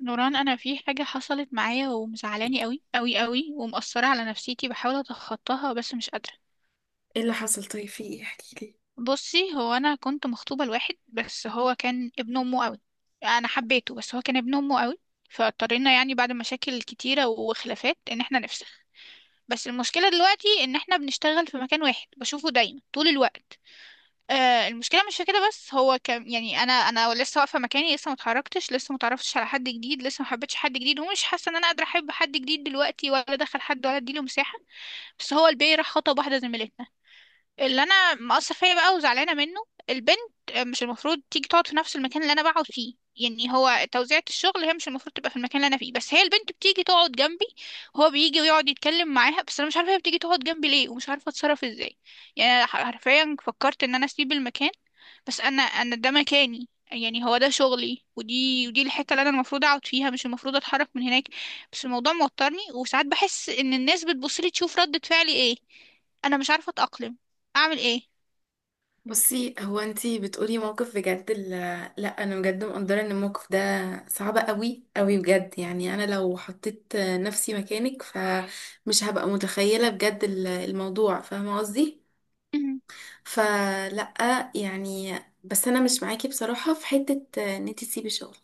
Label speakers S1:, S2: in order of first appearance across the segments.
S1: نوران، انا في حاجه حصلت معايا ومزعلاني قوي قوي قوي ومأثره على نفسيتي. بحاول اتخطاها بس مش قادره.
S2: ايه اللي حصل؟ طيب، في ايه؟ احكي لي.
S1: بصي، هو انا كنت مخطوبه لواحد بس هو كان ابن امه قوي. انا حبيته بس هو كان ابن امه قوي. فاضطرينا بعد مشاكل كتيره وخلافات ان احنا نفسخ. بس المشكله دلوقتي ان احنا بنشتغل في مكان واحد، بشوفه دايما طول الوقت. آه، المشكله مش في كده. بس هو كان انا لسه واقفه مكاني، لسه ما اتحركتش، لسه ما اتعرفتش على حد جديد، لسه ما حبيتش حد جديد، ومش حاسه ان انا قادره احب حد جديد دلوقتي، ولا ادخل حد، ولا اديله مساحه. بس هو البي راح خطب واحده زميلتنا، اللي انا مقصر فيا بقى وزعلانه منه. البنت مش المفروض تيجي تقعد في نفس المكان اللي انا بقعد فيه. يعني هو توزيعة الشغل هي مش المفروض تبقى في المكان اللي انا فيه، بس هي البنت بتيجي تقعد جنبي، وهو بيجي ويقعد يتكلم معاها. بس انا مش عارفه هي بتيجي تقعد جنبي ليه، ومش عارفه اتصرف ازاي. يعني أنا حرفيا فكرت ان انا اسيب المكان. بس انا ده مكاني، يعني هو ده شغلي ودي الحته اللي انا المفروض اقعد فيها، مش المفروض اتحرك من هناك. بس الموضوع موترني، وساعات بحس ان الناس بتبصلي تشوف ردة فعلي ايه. انا مش عارفه اتاقلم، اعمل ايه.
S2: بصي، هو انتي بتقولي موقف بجد لا، انا بجد مقدره ان الموقف ده صعب قوي قوي بجد. يعني انا لو حطيت نفسي مكانك فمش هبقى متخيله بجد الموضوع، فاهمه قصدي؟
S1: مهم.
S2: فلا يعني، بس انا مش معاكي بصراحه في حته ان انتي تسيبي شغل.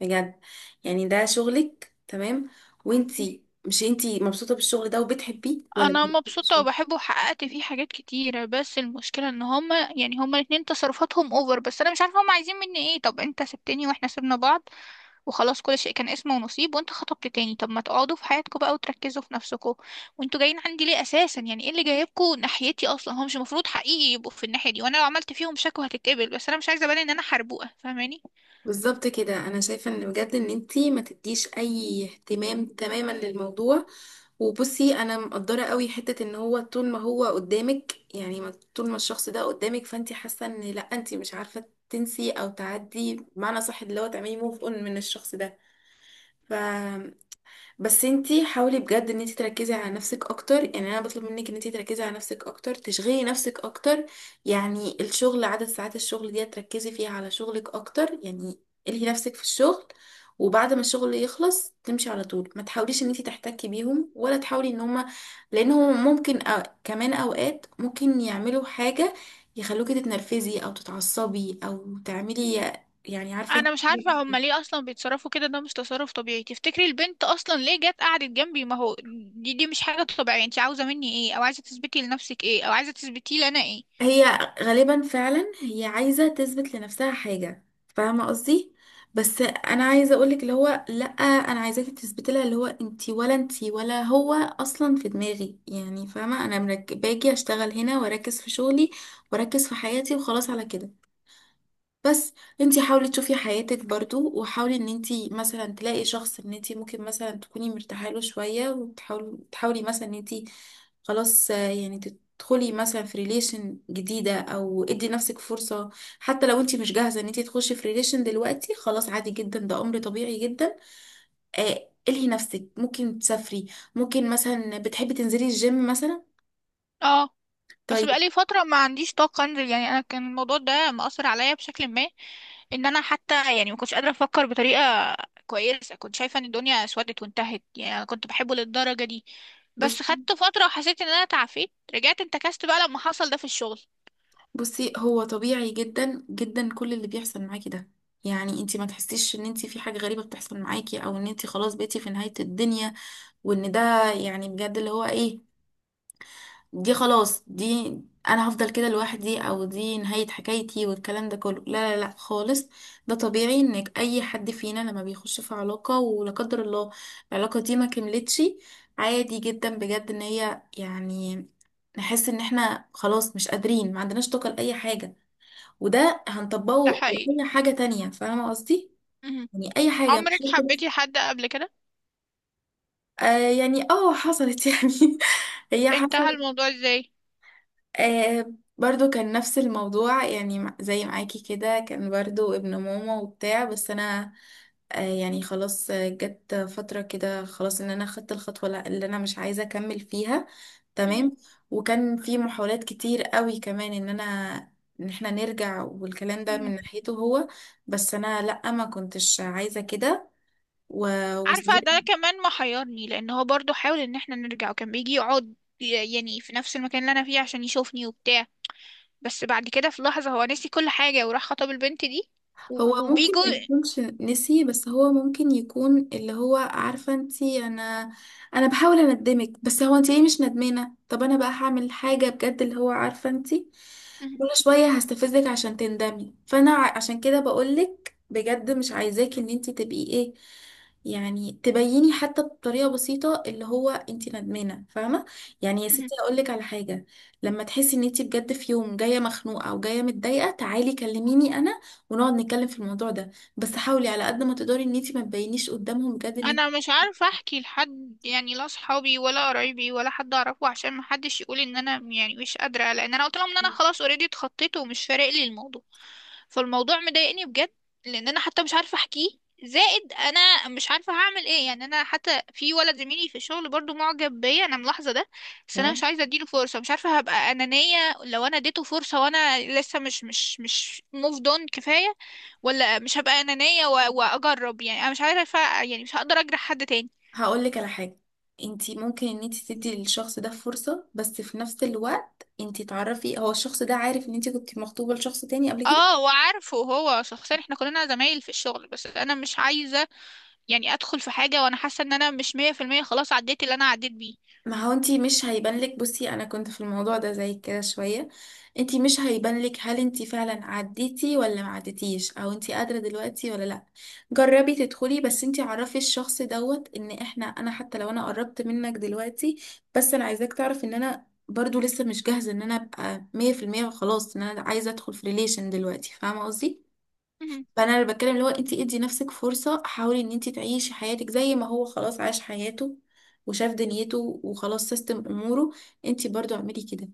S2: بجد، يعني ده شغلك، تمام. وانتي مش، انتي مبسوطه بالشغل ده وبتحبيه ولا
S1: انا مبسوطه
S2: بتحبيه؟
S1: وبحبه وحققت فيه حاجات كتيره. بس المشكله ان هما، يعني هما الاتنين، تصرفاتهم اوفر. بس انا مش عارفه هما عايزين مني ايه. طب انت سبتني، واحنا سيبنا بعض وخلاص، كل شيء كان اسمه ونصيب، وانت خطبت تاني. طب ما تقعدوا في حياتكم بقى وتركزوا في نفسكم. وانتوا جايين عندي ليه اساسا؟ يعني ايه اللي جايبكم ناحيتي اصلا؟ هو مش المفروض حقيقي يبقوا في الناحيه دي. وانا لو عملت فيهم شكوى هتتقبل، بس انا مش عايزه ابان ان انا حربوقه، فاهماني.
S2: بالظبط كده، انا شايفه ان بجد ان انتي ما تديش اي اهتمام تماما للموضوع. وبصي، انا مقدره قوي حته ان هو طول ما هو قدامك، يعني طول ما الشخص ده قدامك، فانتي حاسه ان لا، انتي مش عارفه تنسي او تعدي بمعنى صح، اللي هو تعملي موف اون من الشخص ده. بس انتي حاولي بجد ان انتي تركزي على نفسك اكتر، يعني انا بطلب منك ان انتي تركزي على نفسك اكتر، تشغلي نفسك اكتر. يعني الشغل، عدد ساعات الشغل دي تركزي فيها على شغلك اكتر. يعني الهي نفسك في الشغل. وبعد ما الشغل يخلص تمشي على طول، ما تحاوليش ان انتي تحتكي بيهم ولا تحاولي ان هما، لانهم ممكن كمان اوقات ممكن يعملوا حاجة يخلوكي تتنرفزي او تتعصبي او تعملي، يعني عارفة.
S1: انا مش عارفه هما ليه اصلا بيتصرفوا كده. ده مش تصرف طبيعي. تفتكري البنت اصلا ليه جت قعدت جنبي؟ ما هو دي مش حاجه طبيعيه. انت عاوزه مني ايه؟ او عايزه تثبتي لنفسك ايه؟ او عايزه تثبتي لي انا ايه؟
S2: هي غالبا فعلا هي عايزة تثبت لنفسها حاجة، فاهمة قصدي. بس انا عايزة اقولك اللي هو لا، انا عايزاكي تثبتي لها اللي هو انتي، ولا انتي ولا هو اصلا في دماغي، يعني فاهمة. انا باجي اشتغل هنا واركز في شغلي، واركز في حياتي وخلاص على كده. بس انتي حاولي تشوفي حياتك برضو، وحاولي ان انتي مثلا تلاقي شخص ان انتي ممكن مثلا تكوني مرتاحه له شويه، وتحاولي مثلا ان انتي خلاص، يعني تدخلي مثلا في ريليشن جديده او ادي نفسك فرصه. حتى لو انتي مش جاهزه ان انتي تخشي في ريليشن دلوقتي، خلاص عادي جدا، ده امر طبيعي جدا. الهي نفسك، ممكن تسافري، ممكن مثلا بتحبي تنزلي الجيم مثلا.
S1: اه، بس
S2: طيب.
S1: بقالي فتره ما عنديش طاقه انزل. يعني انا كان الموضوع ده مأثر عليا بشكل ما ان انا حتى ما كنتش قادره افكر بطريقه كويسه. كنت شايفه ان الدنيا اسودت وانتهت. يعني انا كنت بحبه للدرجه دي. بس
S2: بصي
S1: خدت فتره وحسيت ان انا تعافيت، رجعت انتكست بقى لما حصل ده في الشغل.
S2: بصي هو طبيعي جدا جدا كل اللي بيحصل معاكي ده. يعني انتي ما تحسيش ان انتي في حاجة غريبة بتحصل معاكي، او ان انتي خلاص بقيتي في نهاية الدنيا، وان ده يعني بجد اللي هو ايه، دي خلاص، دي انا هفضل كده لوحدي، او دي نهاية حكايتي، والكلام ده كله، لا لا لا خالص. ده طبيعي، انك اي حد فينا لما بيخش في علاقة ولا قدر الله العلاقة دي ما كملتش، عادي جدا بجد، ان هي، يعني نحس ان احنا خلاص مش قادرين، ما عندناش طاقة لأي حاجة. وده
S1: ده
S2: هنطبقه
S1: حقيقي.
S2: لأي حاجة تانية، فاهمة قصدي؟ يعني أي حاجة مش
S1: عمرك
S2: شرط
S1: حبيتي
S2: بس-
S1: حد قبل كده؟
S2: يعني حصلت يعني هي
S1: انتهى
S2: حصلت.
S1: الموضوع ازاي؟
S2: آه برضو كان نفس الموضوع، يعني زي معاكي كده، كان برضو ابن ماما وبتاع. بس انا يعني خلاص، جت فترة كده خلاص ان انا خدت الخطوة اللي انا مش عايزة اكمل فيها.
S1: مهم.
S2: تمام. وكان في محاولات كتير قوي كمان ان احنا نرجع، والكلام ده من
S1: مهم.
S2: ناحيته هو، بس انا لا، ما كنتش عايزة كده و...
S1: عارفة، ده كمان محيرني، لان هو برضو حاول ان احنا نرجع وكان بيجي يقعد يعني في نفس المكان اللي انا فيه عشان يشوفني وبتاع. بس بعد كده في لحظة هو نسي كل حاجة وراح خطب البنت دي.
S2: هو
S1: و-
S2: ممكن
S1: وبيجوا
S2: ما يكونش نسي، بس هو ممكن يكون اللي هو عارفة انتي. انا بحاول اندمك، بس هو انتي ليه مش ندمانة؟ طب انا بقى هعمل حاجة بجد اللي هو عارفة انتي،
S1: مهم.
S2: كل شوية هستفزك عشان تندمي. فانا عشان كده بقولك بجد، مش عايزاكي ان انتي تبقي ايه، يعني تبيني حتى بطريقة بسيطة اللي هو انتي ندمانة، فاهمة. يعني يا
S1: مهم.
S2: ستي اقولك على حاجة، لما تحسي ان انتي بجد في يوم جاية مخنوقة او جاية متضايقة، تعالي كلميني انا ونقعد نتكلم في الموضوع ده. بس حاولي على قد ما تقدري ان انتي ما تبينيش قدامهم بجد ان
S1: انا
S2: انتي.
S1: مش عارفه احكي لحد، يعني لا صحابي ولا قرايبي ولا حد اعرفه، عشان ما حدش يقول ان انا يعني مش قادره، لان انا قلت لهم ان انا خلاص اوريدي اتخطيت ومش فارق لي الموضوع. فالموضوع مضايقني بجد، لان انا حتى مش عارفه احكيه. زائد انا مش عارفه هعمل ايه. يعني انا حتى في ولد زميلي في الشغل برضو معجب بيا، انا ملاحظه ده. بس انا
S2: تمام،
S1: مش عايزه اديله فرصه. مش عارفه هبقى انانيه لو انا اديته فرصه وانا لسه مش موف دون كفايه، ولا مش هبقى أنانية وأجرب. يعني أنا مش عارفة، يعني مش هقدر أجرح حد تاني.
S2: هقول لك على حاجه. انتي ممكن ان انتي تدي للشخص ده فرصه، بس في نفس الوقت انتي تعرفي هو الشخص ده عارف ان انتي كنت مخطوبه لشخص تاني قبل كده.
S1: اه، وعارفه هو شخصيا، احنا كلنا زمايل في الشغل. بس انا مش عايزة ادخل في حاجة وانا حاسة ان انا مش مية في المية خلاص عديت اللي انا عديت بيه.
S2: ما هو انتي مش هيبان لك، بصي انا كنت في الموضوع ده زي كده شوية. انتي مش هيبان لك هل انتي فعلا عديتي ولا ما عديتيش، او انتي قادرة دلوقتي ولا لا. جربي تدخلي، بس انتي عرفي الشخص دوت ان انا، حتى لو انا قربت منك دلوقتي، بس انا عايزاك تعرف ان انا برضو لسه مش جاهزة ان انا ابقى 100% وخلاص، ان انا عايزة ادخل في ريليشن دلوقتي، فاهمة قصدي.
S1: مهم.
S2: فانا اللي بتكلم اللي هو، انت ادي نفسك فرصه، حاولي ان انت تعيشي حياتك زي ما هو خلاص عاش حياته وشاف دنيته وخلاص سيستم اموره. انت برضو اعملي كده،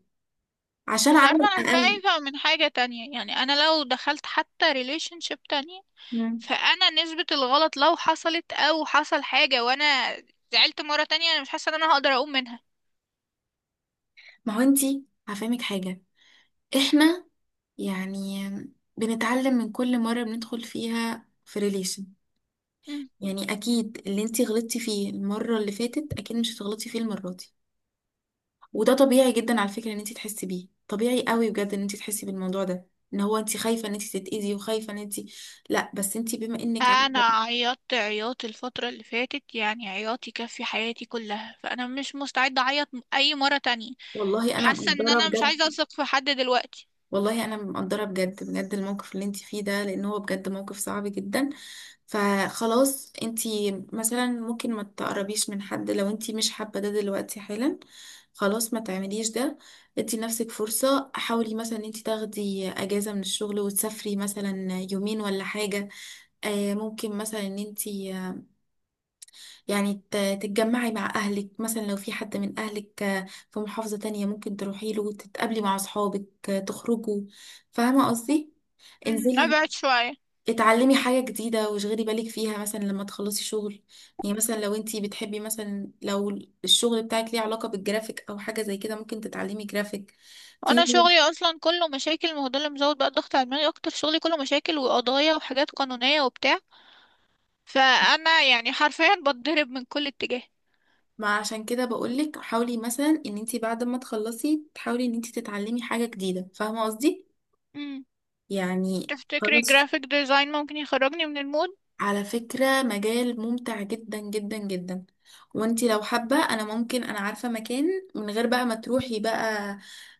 S2: عشان
S1: بس عارفة،
S2: عمل
S1: انا
S2: اقل.
S1: خايفة من حاجة تانية. يعني انا لو دخلت حتى ريليشن شيب تانية،
S2: مم.
S1: فانا نسبة الغلط لو حصلت، او حصل حاجة وانا زعلت مرة تانية، انا مش حاسة ان انا هقدر اقوم منها.
S2: ما هو انت، هفهمك حاجه، احنا يعني بنتعلم من كل مره بندخل فيها في ريليشن. يعني اكيد اللي انت غلطتي فيه المره اللي فاتت اكيد مش هتغلطي فيه المره دي، وده طبيعي جدا على فكرة ان انت تحسي بيه، طبيعي قوي بجد ان انت تحسي بالموضوع ده، ان هو انت خايفة ان انت تتأذي وخايفة ان انت، لا بس انت بما انك
S1: انا
S2: عارفة.
S1: عيطت عياط الفترة اللي فاتت، يعني عياط يكفي حياتي كلها. فانا مش مستعدة اعيط اي مرة تانية.
S2: والله انا
S1: حاسة ان
S2: مقدرة
S1: انا مش عايزة
S2: بجد
S1: اثق في حد دلوقتي.
S2: والله انا مقدرة بجد بجد الموقف اللي انت فيه ده، لان هو بجد موقف صعب جدا. فخلاص انت، مثلا ممكن ما تقربيش من حد لو انت مش حابة ده دلوقتي حالا، خلاص ما تعمليش ده. ادي نفسك فرصة، حاولي مثلا ان انت تاخدي اجازة من الشغل وتسافري مثلا يومين ولا حاجة. ممكن مثلا ان انتي يعني تتجمعي مع اهلك، مثلا لو في حد من اهلك في محافظة تانية ممكن تروحي له، تتقابلي مع اصحابك، تخرجوا، فاهمة قصدي.
S1: مم،
S2: انزلي،
S1: ابعد شوية.
S2: اتعلمي حاجة جديدة واشغلي بالك فيها مثلا لما تخلصي شغل. يعني مثلا لو انتي بتحبي، مثلا لو الشغل بتاعك ليه علاقة بالجرافيك او حاجة زي كده ممكن تتعلمي جرافيك. في
S1: وانا شغلي اصلا كله مشاكل، ما هو ده اللي مزود بقى الضغط على دماغي اكتر. شغلي كله مشاكل وقضايا وحاجات قانونية وبتاع. فانا يعني حرفيا بتضرب من كل اتجاه.
S2: ما عشان كده بقولك حاولي مثلا ان انتي بعد ما تخلصي تحاولي ان انتي تتعلمي حاجة جديدة، فاهمة قصدي.
S1: مم،
S2: يعني
S1: تفتكري
S2: خلاص.
S1: جرافيك ديزاين ممكن يخرجني من المود؟
S2: على فكرة مجال ممتع جدا جدا جدا، وانتي لو حابة، انا عارفة مكان، من غير بقى ما تروحي بقى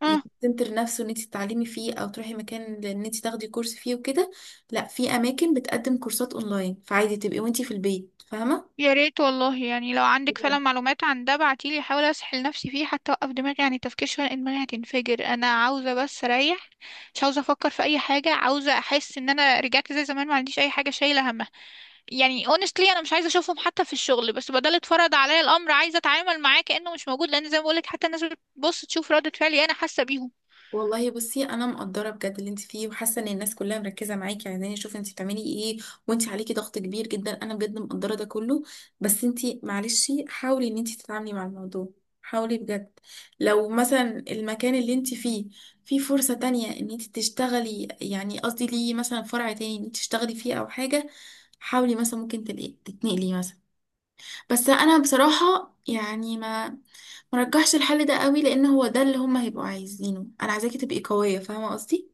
S2: يعني سنتر نفسه ان انتي تتعلمي فيه، او تروحي مكان ان انتي تاخدي كورس فيه وكده. لا، في اماكن بتقدم كورسات اونلاين، فعادي تبقي وانتي في البيت، فاهمة.
S1: يا ريت والله. يعني لو عندك فعلا معلومات عن ده بعتيلي، احاول اسحل نفسي فيه حتى اوقف دماغي عن التفكير شويه، لان دماغي هتنفجر. انا عاوزه بس اريح، مش عاوزه افكر في اي حاجه. عاوزه احس ان انا رجعت زي زمان، ما عنديش اي حاجه شايله همها. يعني honestly انا مش عايزه اشوفهم حتى في الشغل. بس بدل اتفرض عليا الامر، عايزه اتعامل معاه كانه مش موجود، لان زي ما بقولك حتى الناس بتبص تشوف ردة فعلي، انا حاسه بيهم.
S2: والله بصي، انا مقدره بجد اللي انت فيه، وحاسه ان الناس كلها مركزه معاكي، عايزاني اشوف انت بتعملي ايه، وانت عليكي ضغط كبير جدا، انا بجد مقدره ده كله. بس انت معلش، حاولي ان انت تتعاملي مع الموضوع، حاولي بجد. لو مثلا المكان اللي انت فيه فيه فرصه تانية ان انت تشتغلي، يعني قصدي ليه مثلا فرع تاني ان انت تشتغلي فيه او حاجه، حاولي مثلا، ممكن تلاقي تتنقلي مثلا. بس انا بصراحه يعني ما مرجحش الحل ده قوي، لان هو ده اللي هما هيبقوا عايزينه. انا عايزاكي تبقي قويه، فاهمه قصدي،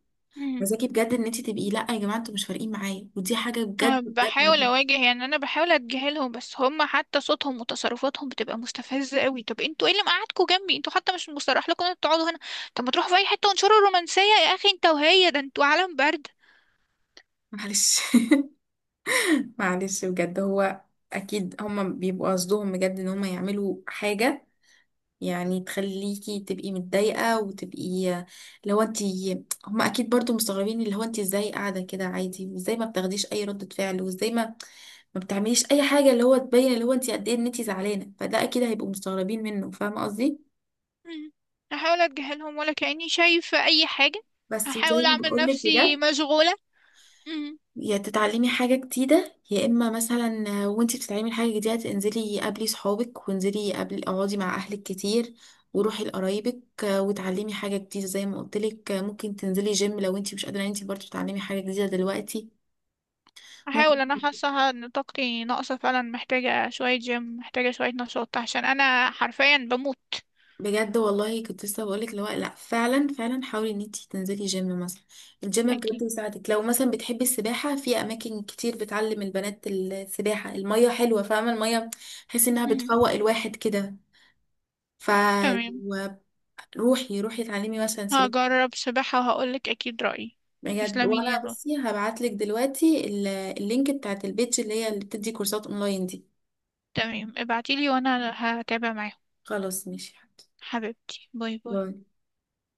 S2: عايزاكي بجد ان انت تبقي لا يا جماعه انتوا مش فارقين معايا، ودي حاجه
S1: أه،
S2: بجد
S1: بحاول
S2: بجد.
S1: اواجه. يعني انا بحاول اتجاهلهم بس هم حتى صوتهم وتصرفاتهم بتبقى مستفزه قوي. طب انتوا ايه اللي مقعدكوا جنبي؟ انتوا حتى مش مصرح لكم ان انتوا تقعدوا هنا. طب ما تروحوا في اي حته وانشروا الرومانسيه يا اخي انت وهي. ده انتوا عالم برد.
S2: معلش. معلش بجد، هو اكيد هما بيبقوا قصدهم بجد ان هما يعملوا حاجه، يعني تخليكي تبقي متضايقه وتبقي اللي هو انت. هما اكيد برضو مستغربين اللي هو انت ازاي قاعده كده عادي، وازاي ما بتاخديش اي ردة فعل، وازاي ما بتعمليش اي حاجه اللي هو تبين اللي هو انت قد ايه ان انت زعلانه، فده اكيد هيبقوا مستغربين منه، فاهمه قصدي.
S1: مم. هحاول اتجاهلهم ولا كاني شايفه اي حاجه.
S2: بس وزي
S1: هحاول
S2: ما
S1: اعمل
S2: بقول لك
S1: نفسي
S2: بجد،
S1: مشغوله. مم.
S2: يا تتعلمي حاجه جديده يا اما مثلا وانت بتتعلمي حاجه جديده انزلي قابلي صحابك، وانزلي قابلي اقعدي مع اهلك كتير، وروحي لقرايبك وتعلمي حاجه جديده زي ما قلت لك، ممكن تنزلي جيم لو انت مش قادره ان انت برضه تتعلمي حاجه جديده دلوقتي.
S1: هحاول. انا حاسه ان طاقتي ناقصه فعلا، محتاجه شويه جيم، محتاجه شويه نشاط، عشان انا حرفيا بموت.
S2: بجد والله كنت لسه بقولك اللي هو لا، فعلا فعلا حاولي ان انتي تنزلي جيم مثلا. الجيم بجد
S1: اكيد.
S2: يساعدك، لو مثلا بتحبي السباحة، في اماكن كتير بتعلم البنات السباحة. المية حلوة، فاهمة. المية تحسي انها
S1: مم.
S2: بتفوق الواحد كده.
S1: تمام.
S2: فروحي. روحي اتعلمي مثلا سباحة.
S1: هجرب سباحة وهقولك أكيد رأيي.
S2: بجد
S1: تسلمي لي يا
S2: وانا،
S1: نور.
S2: بصي هبعتلك دلوقتي اللينك بتاعت البيج اللي هي اللي بتدي كورسات اونلاين دي.
S1: تمام، ابعتيلي وأنا هتابع معاهم.
S2: خلاص ماشي حاضر.
S1: حبيبتي، باي
S2: باي.
S1: باي.